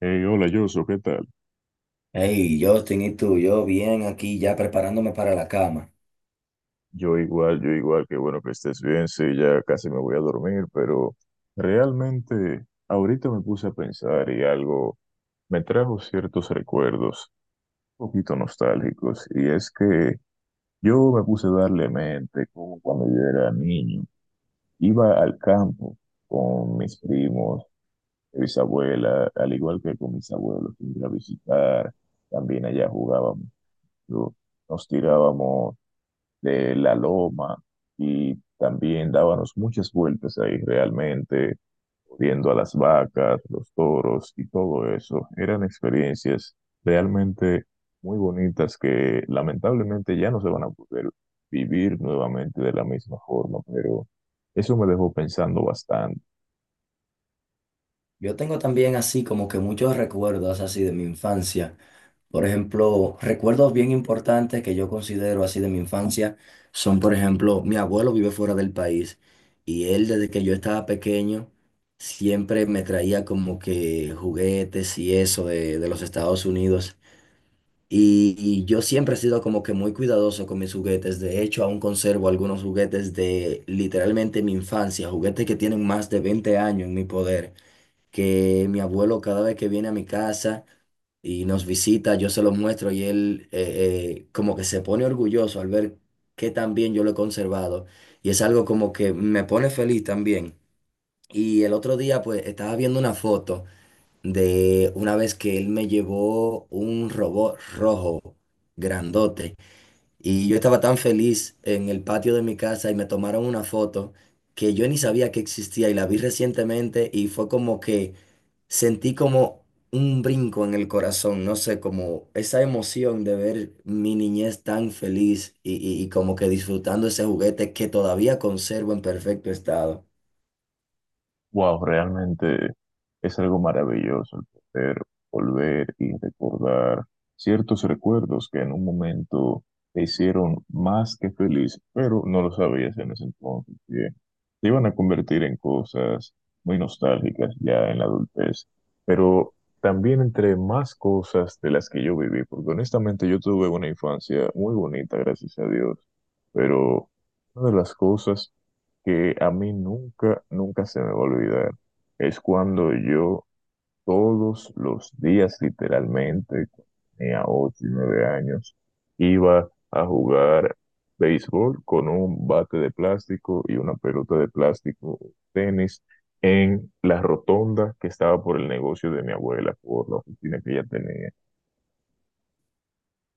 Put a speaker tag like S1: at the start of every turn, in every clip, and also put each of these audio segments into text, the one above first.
S1: Hey, hola, Yoso, ¿qué tal?
S2: Hey, Justin, ¿y tú? Yo bien aquí ya preparándome para la cama.
S1: Yo igual, qué bueno que estés bien, sí, ya casi me voy a dormir, pero realmente ahorita me puse a pensar y algo me trajo ciertos recuerdos un poquito nostálgicos, y es que yo me puse a darle mente como cuando yo era niño, iba al campo con mis primos, mis abuelas, al igual que con mis abuelos, iba a visitar, también allá jugábamos, yo- nos tirábamos de la loma y también dábamos muchas vueltas ahí realmente, viendo a las vacas, los toros y todo eso. Eran experiencias realmente muy bonitas que lamentablemente ya no se van a poder vivir nuevamente de la misma forma, pero eso me dejó pensando bastante.
S2: Yo tengo también así como que muchos recuerdos así de mi infancia. Por ejemplo, recuerdos bien importantes que yo considero así de mi infancia son, por ejemplo, mi abuelo vive fuera del país y él desde que yo estaba pequeño siempre me traía como que juguetes y eso de los Estados Unidos. Y yo siempre he sido como que muy cuidadoso con mis juguetes. De hecho, aún conservo algunos juguetes de literalmente mi infancia, juguetes que tienen más de 20 años en mi poder, que mi abuelo cada vez que viene a mi casa y nos visita, yo se los muestro y él como que se pone orgulloso al ver que tan bien yo lo he conservado. Y es algo como que me pone feliz también. Y el otro día pues estaba viendo una foto de una vez que él me llevó un robot rojo, grandote, y yo estaba tan feliz en el patio de mi casa y me tomaron una foto que yo ni sabía que existía y la vi recientemente y fue como que sentí como un brinco en el corazón, no sé, como esa emoción de ver mi niñez tan feliz y como que disfrutando ese juguete que todavía conservo en perfecto estado.
S1: Wow, realmente es algo maravilloso el poder volver y recordar ciertos recuerdos que en un momento te hicieron más que feliz, pero no lo sabías en ese entonces, que te iban a convertir en cosas muy nostálgicas ya en la adultez. Pero también entre más cosas de las que yo viví, porque honestamente yo tuve una infancia muy bonita, gracias a Dios, pero una de las cosas que a mí nunca, nunca se me va a olvidar es cuando yo todos los días, literalmente, cuando tenía 8 y 9 años, iba a jugar béisbol con un bate de plástico y una pelota de plástico, tenis, en la rotonda que estaba por el negocio de mi abuela, por la oficina que ella tenía.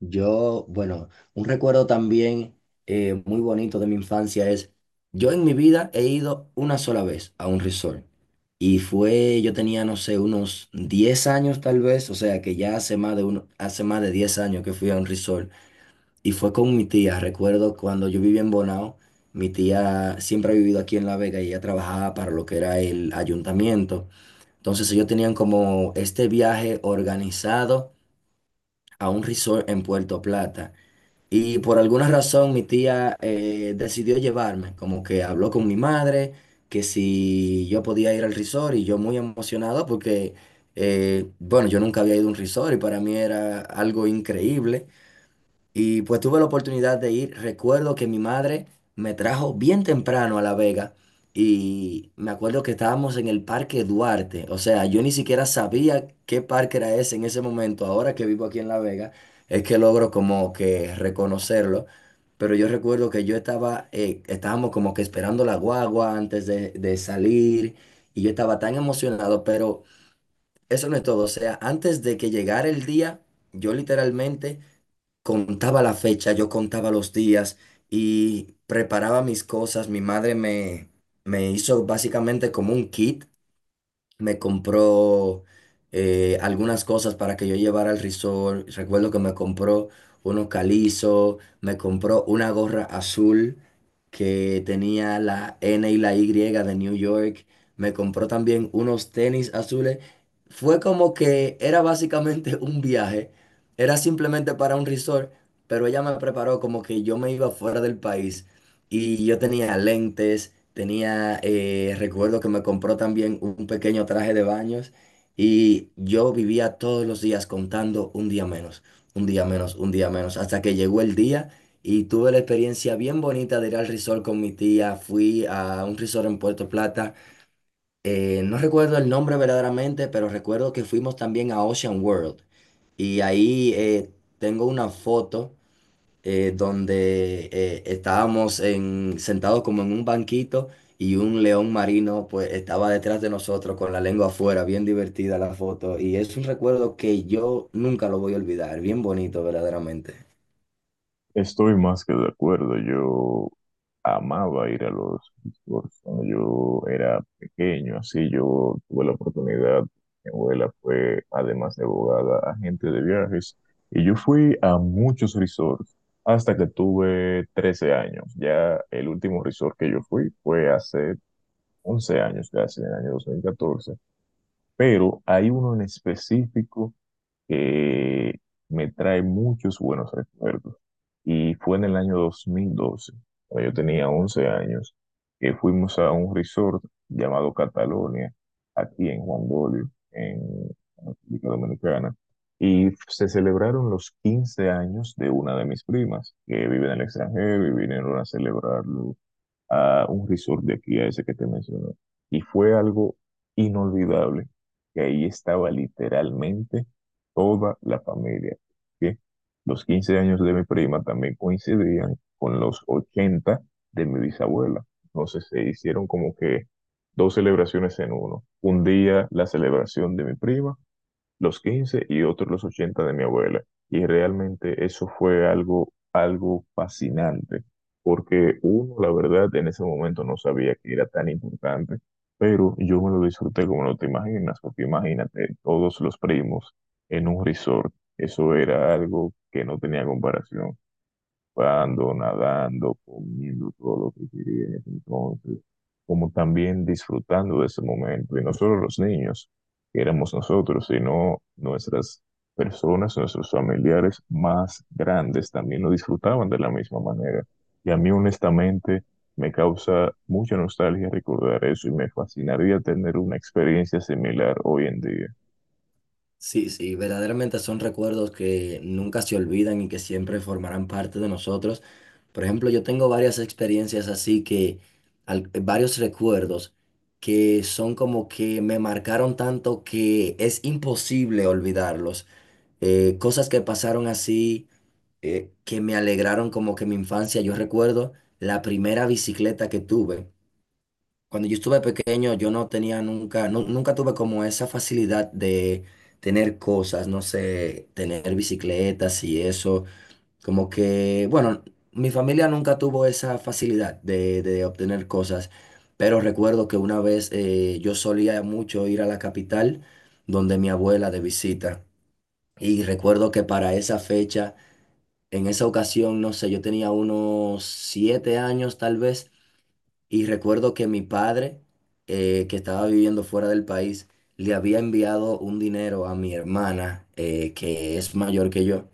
S2: Yo, bueno, un recuerdo también muy bonito de mi infancia es, yo en mi vida he ido una sola vez a un resort y fue, yo tenía, no sé, unos 10 años tal vez, o sea que ya hace más de uno, hace más de 10 años que fui a un resort y fue con mi tía, recuerdo cuando yo vivía en Bonao, mi tía siempre ha vivido aquí en La Vega y ella trabajaba para lo que era el ayuntamiento, entonces ellos tenían como este viaje organizado a un resort en Puerto Plata. Y por alguna razón mi tía decidió llevarme, como que habló con mi madre, que si yo podía ir al resort y yo muy emocionado porque, bueno, yo nunca había ido a un resort y para mí era algo increíble. Y pues tuve la oportunidad de ir. Recuerdo que mi madre me trajo bien temprano a La Vega y me acuerdo que estábamos en el Parque Duarte. O sea, yo ni siquiera sabía qué parque era ese en ese momento. Ahora que vivo aquí en La Vega, es que logro como que reconocerlo. Pero yo recuerdo que yo estaba, estábamos como que esperando la guagua antes de salir y yo estaba tan emocionado, pero eso no es todo. O sea, antes de que llegara el día, yo literalmente contaba la fecha, yo contaba los días y preparaba mis cosas. Mi madre me hizo básicamente como un kit, me compró algunas cosas para que yo llevara al resort. Recuerdo que me compró unos calizos, me compró una gorra azul que tenía la N y la Y de New York. Me compró también unos tenis azules. Fue como que era básicamente un viaje, era simplemente para un resort, pero ella me preparó como que yo me iba fuera del país y yo tenía lentes. Tenía, recuerdo que me compró también un pequeño traje de baños y yo vivía todos los días contando un día menos, un día menos, un día menos, hasta que llegó el día y tuve la experiencia bien bonita de ir al resort con mi tía. Fui a un resort en Puerto Plata, no recuerdo el nombre verdaderamente, pero recuerdo que fuimos también a Ocean World y ahí tengo una foto donde estábamos sentados como en un banquito y un león marino pues estaba detrás de nosotros con la lengua afuera, bien divertida la foto y es un recuerdo que yo nunca lo voy a olvidar, bien bonito verdaderamente.
S1: Estoy más que de acuerdo. Yo amaba ir a los resorts cuando yo era pequeño. Así yo tuve la oportunidad. Mi abuela fue, además de abogada, agente de viajes. Y yo fui a muchos resorts hasta que tuve 13 años. Ya el último resort que yo fui fue hace 11 años, casi en el año 2014. Pero hay uno en específico que me trae muchos buenos recuerdos. Y fue en el año 2012, cuando yo tenía 11 años, que fuimos a un resort llamado Catalonia, aquí en Juan Dolio, en República Dominicana, y se celebraron los 15 años de una de mis primas, que vive en el extranjero y vinieron a celebrarlo a un resort de aquí, a ese que te menciono. Y fue algo inolvidable, que ahí estaba literalmente toda la familia. ¿Sí? Los 15 años de mi prima también coincidían con los 80 de mi bisabuela. Entonces se hicieron como que dos celebraciones en uno. Un día la celebración de mi prima los 15 y otros los 80 de mi abuela. Y realmente eso fue algo fascinante, porque uno, la verdad, en ese momento no sabía que era tan importante, pero yo me lo disfruté como no te imaginas, porque imagínate, todos los primos en un resort, eso era algo que no tenía comparación surfando, nadando, comiendo todo lo que quería en ese entonces, como también disfrutando de ese momento. Y no solo los niños, que éramos nosotros, sino nuestras personas, nuestros familiares más grandes también lo disfrutaban de la misma manera. Y a mí honestamente me causa mucha nostalgia recordar eso y me fascinaría tener una experiencia similar hoy en día.
S2: Sí, sí, verdaderamente son recuerdos que nunca se olvidan y que siempre formarán parte de nosotros. Por ejemplo, yo tengo varias experiencias así que, varios recuerdos que son como que me marcaron tanto que es imposible olvidarlos. Cosas que pasaron así, que me alegraron como que mi infancia. Yo recuerdo la primera bicicleta que tuve. Cuando yo estuve pequeño, yo no tenía nunca, nunca tuve como esa facilidad de tener cosas, no sé, tener bicicletas y eso. Como que, bueno, mi familia nunca tuvo esa facilidad de obtener cosas, pero recuerdo que una vez yo solía mucho ir a la capital donde mi abuela de visita. Y recuerdo que para esa fecha, en esa ocasión, no sé, yo tenía unos 7 años tal vez. Y recuerdo que mi padre, que estaba viviendo fuera del país, le había enviado un dinero a mi hermana, que es mayor que yo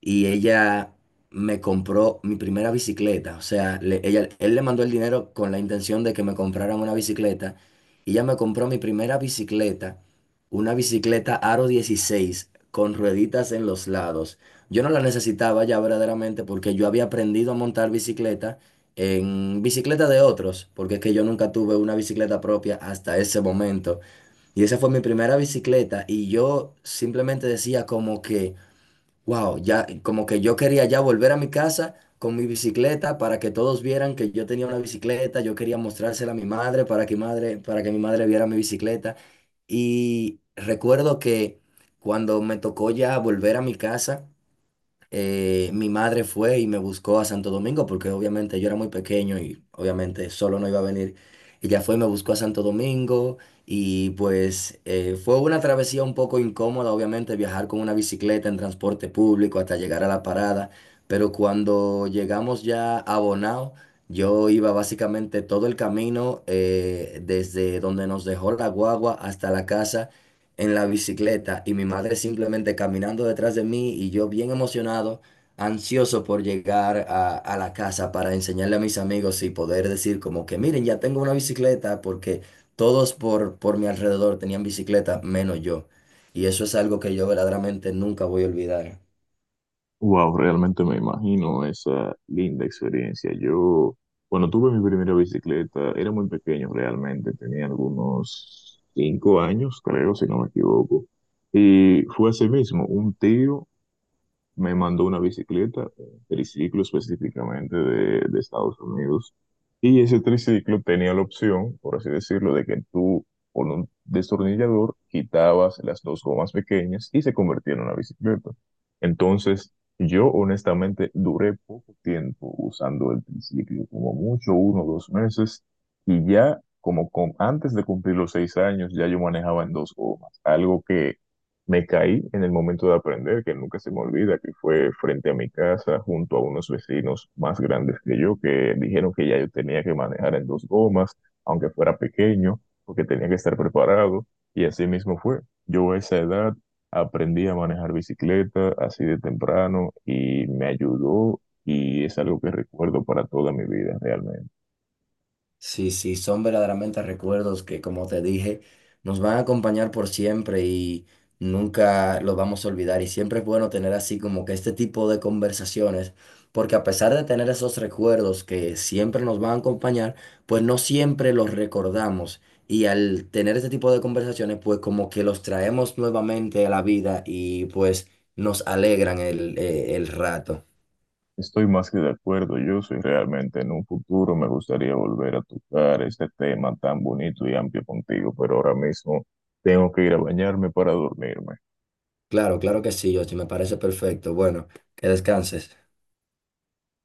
S2: y ella me compró mi primera bicicleta. O sea, ella, él le mandó el dinero con la intención de que me compraran una bicicleta. Y ella me compró mi primera bicicleta, una bicicleta Aro 16 con rueditas en los lados. Yo no la necesitaba ya verdaderamente porque yo había aprendido a montar bicicleta en bicicleta de otros, porque es que yo nunca tuve una bicicleta propia hasta ese momento. Y esa fue mi primera bicicleta y yo simplemente decía como que... Wow, ya como que yo quería ya volver a mi casa con mi bicicleta para que todos vieran que yo tenía una bicicleta, yo quería mostrársela a mi madre para que mi madre viera mi bicicleta. Y recuerdo que cuando me tocó ya volver a mi casa, mi madre fue y me buscó a Santo Domingo porque obviamente yo era muy pequeño y obviamente solo no iba a venir. Ella fue y me buscó a Santo Domingo y pues fue una travesía un poco incómoda, obviamente viajar con una bicicleta en transporte público hasta llegar a la parada, pero cuando llegamos ya a Bonao, yo iba básicamente todo el camino desde donde nos dejó la guagua hasta la casa en la bicicleta y mi madre simplemente caminando detrás de mí y yo bien emocionado, ansioso por llegar a la casa para enseñarle a mis amigos y poder decir como que miren, ya tengo una bicicleta porque todos por mi alrededor tenían bicicleta menos yo. Y eso es algo que yo verdaderamente nunca voy a olvidar.
S1: Wow, realmente me imagino esa linda experiencia. Yo, cuando tuve mi primera bicicleta, era muy pequeño realmente, tenía algunos 5 años, creo, si no me equivoco. Y fue así mismo, un tío me mandó una bicicleta, un triciclo específicamente de Estados Unidos. Y ese triciclo tenía la opción, por así decirlo, de que tú con un destornillador quitabas las dos gomas pequeñas y se convertía en una bicicleta. Entonces, yo honestamente duré poco tiempo usando el triciclo, como mucho, uno o dos meses, y ya como con, antes de cumplir los 6 años, ya yo manejaba en dos gomas, algo que me caí en el momento de aprender, que nunca se me olvida, que fue frente a mi casa, junto a unos vecinos más grandes que yo, que dijeron que ya yo tenía que manejar en dos gomas, aunque fuera pequeño, porque tenía que estar preparado. Y así mismo fue. Yo a esa edad aprendí a manejar bicicleta así de temprano y me ayudó y es algo que recuerdo para toda mi vida realmente.
S2: Sí, sí, son verdaderamente recuerdos que, como te dije, nos van a acompañar por siempre y nunca los vamos a olvidar. Y siempre es bueno tener así como que este tipo de conversaciones, porque a pesar de tener esos recuerdos que siempre nos van a acompañar, pues no siempre los recordamos. Y al tener este tipo de conversaciones, pues como que los traemos nuevamente a la vida y pues nos alegran el rato.
S1: Estoy más que de acuerdo, yo soy realmente en un futuro me gustaría volver a tocar este tema tan bonito y amplio contigo, pero ahora mismo tengo que ir a bañarme para dormirme.
S2: Claro, claro que sí, Yoshi, me parece perfecto. Bueno, que descanses.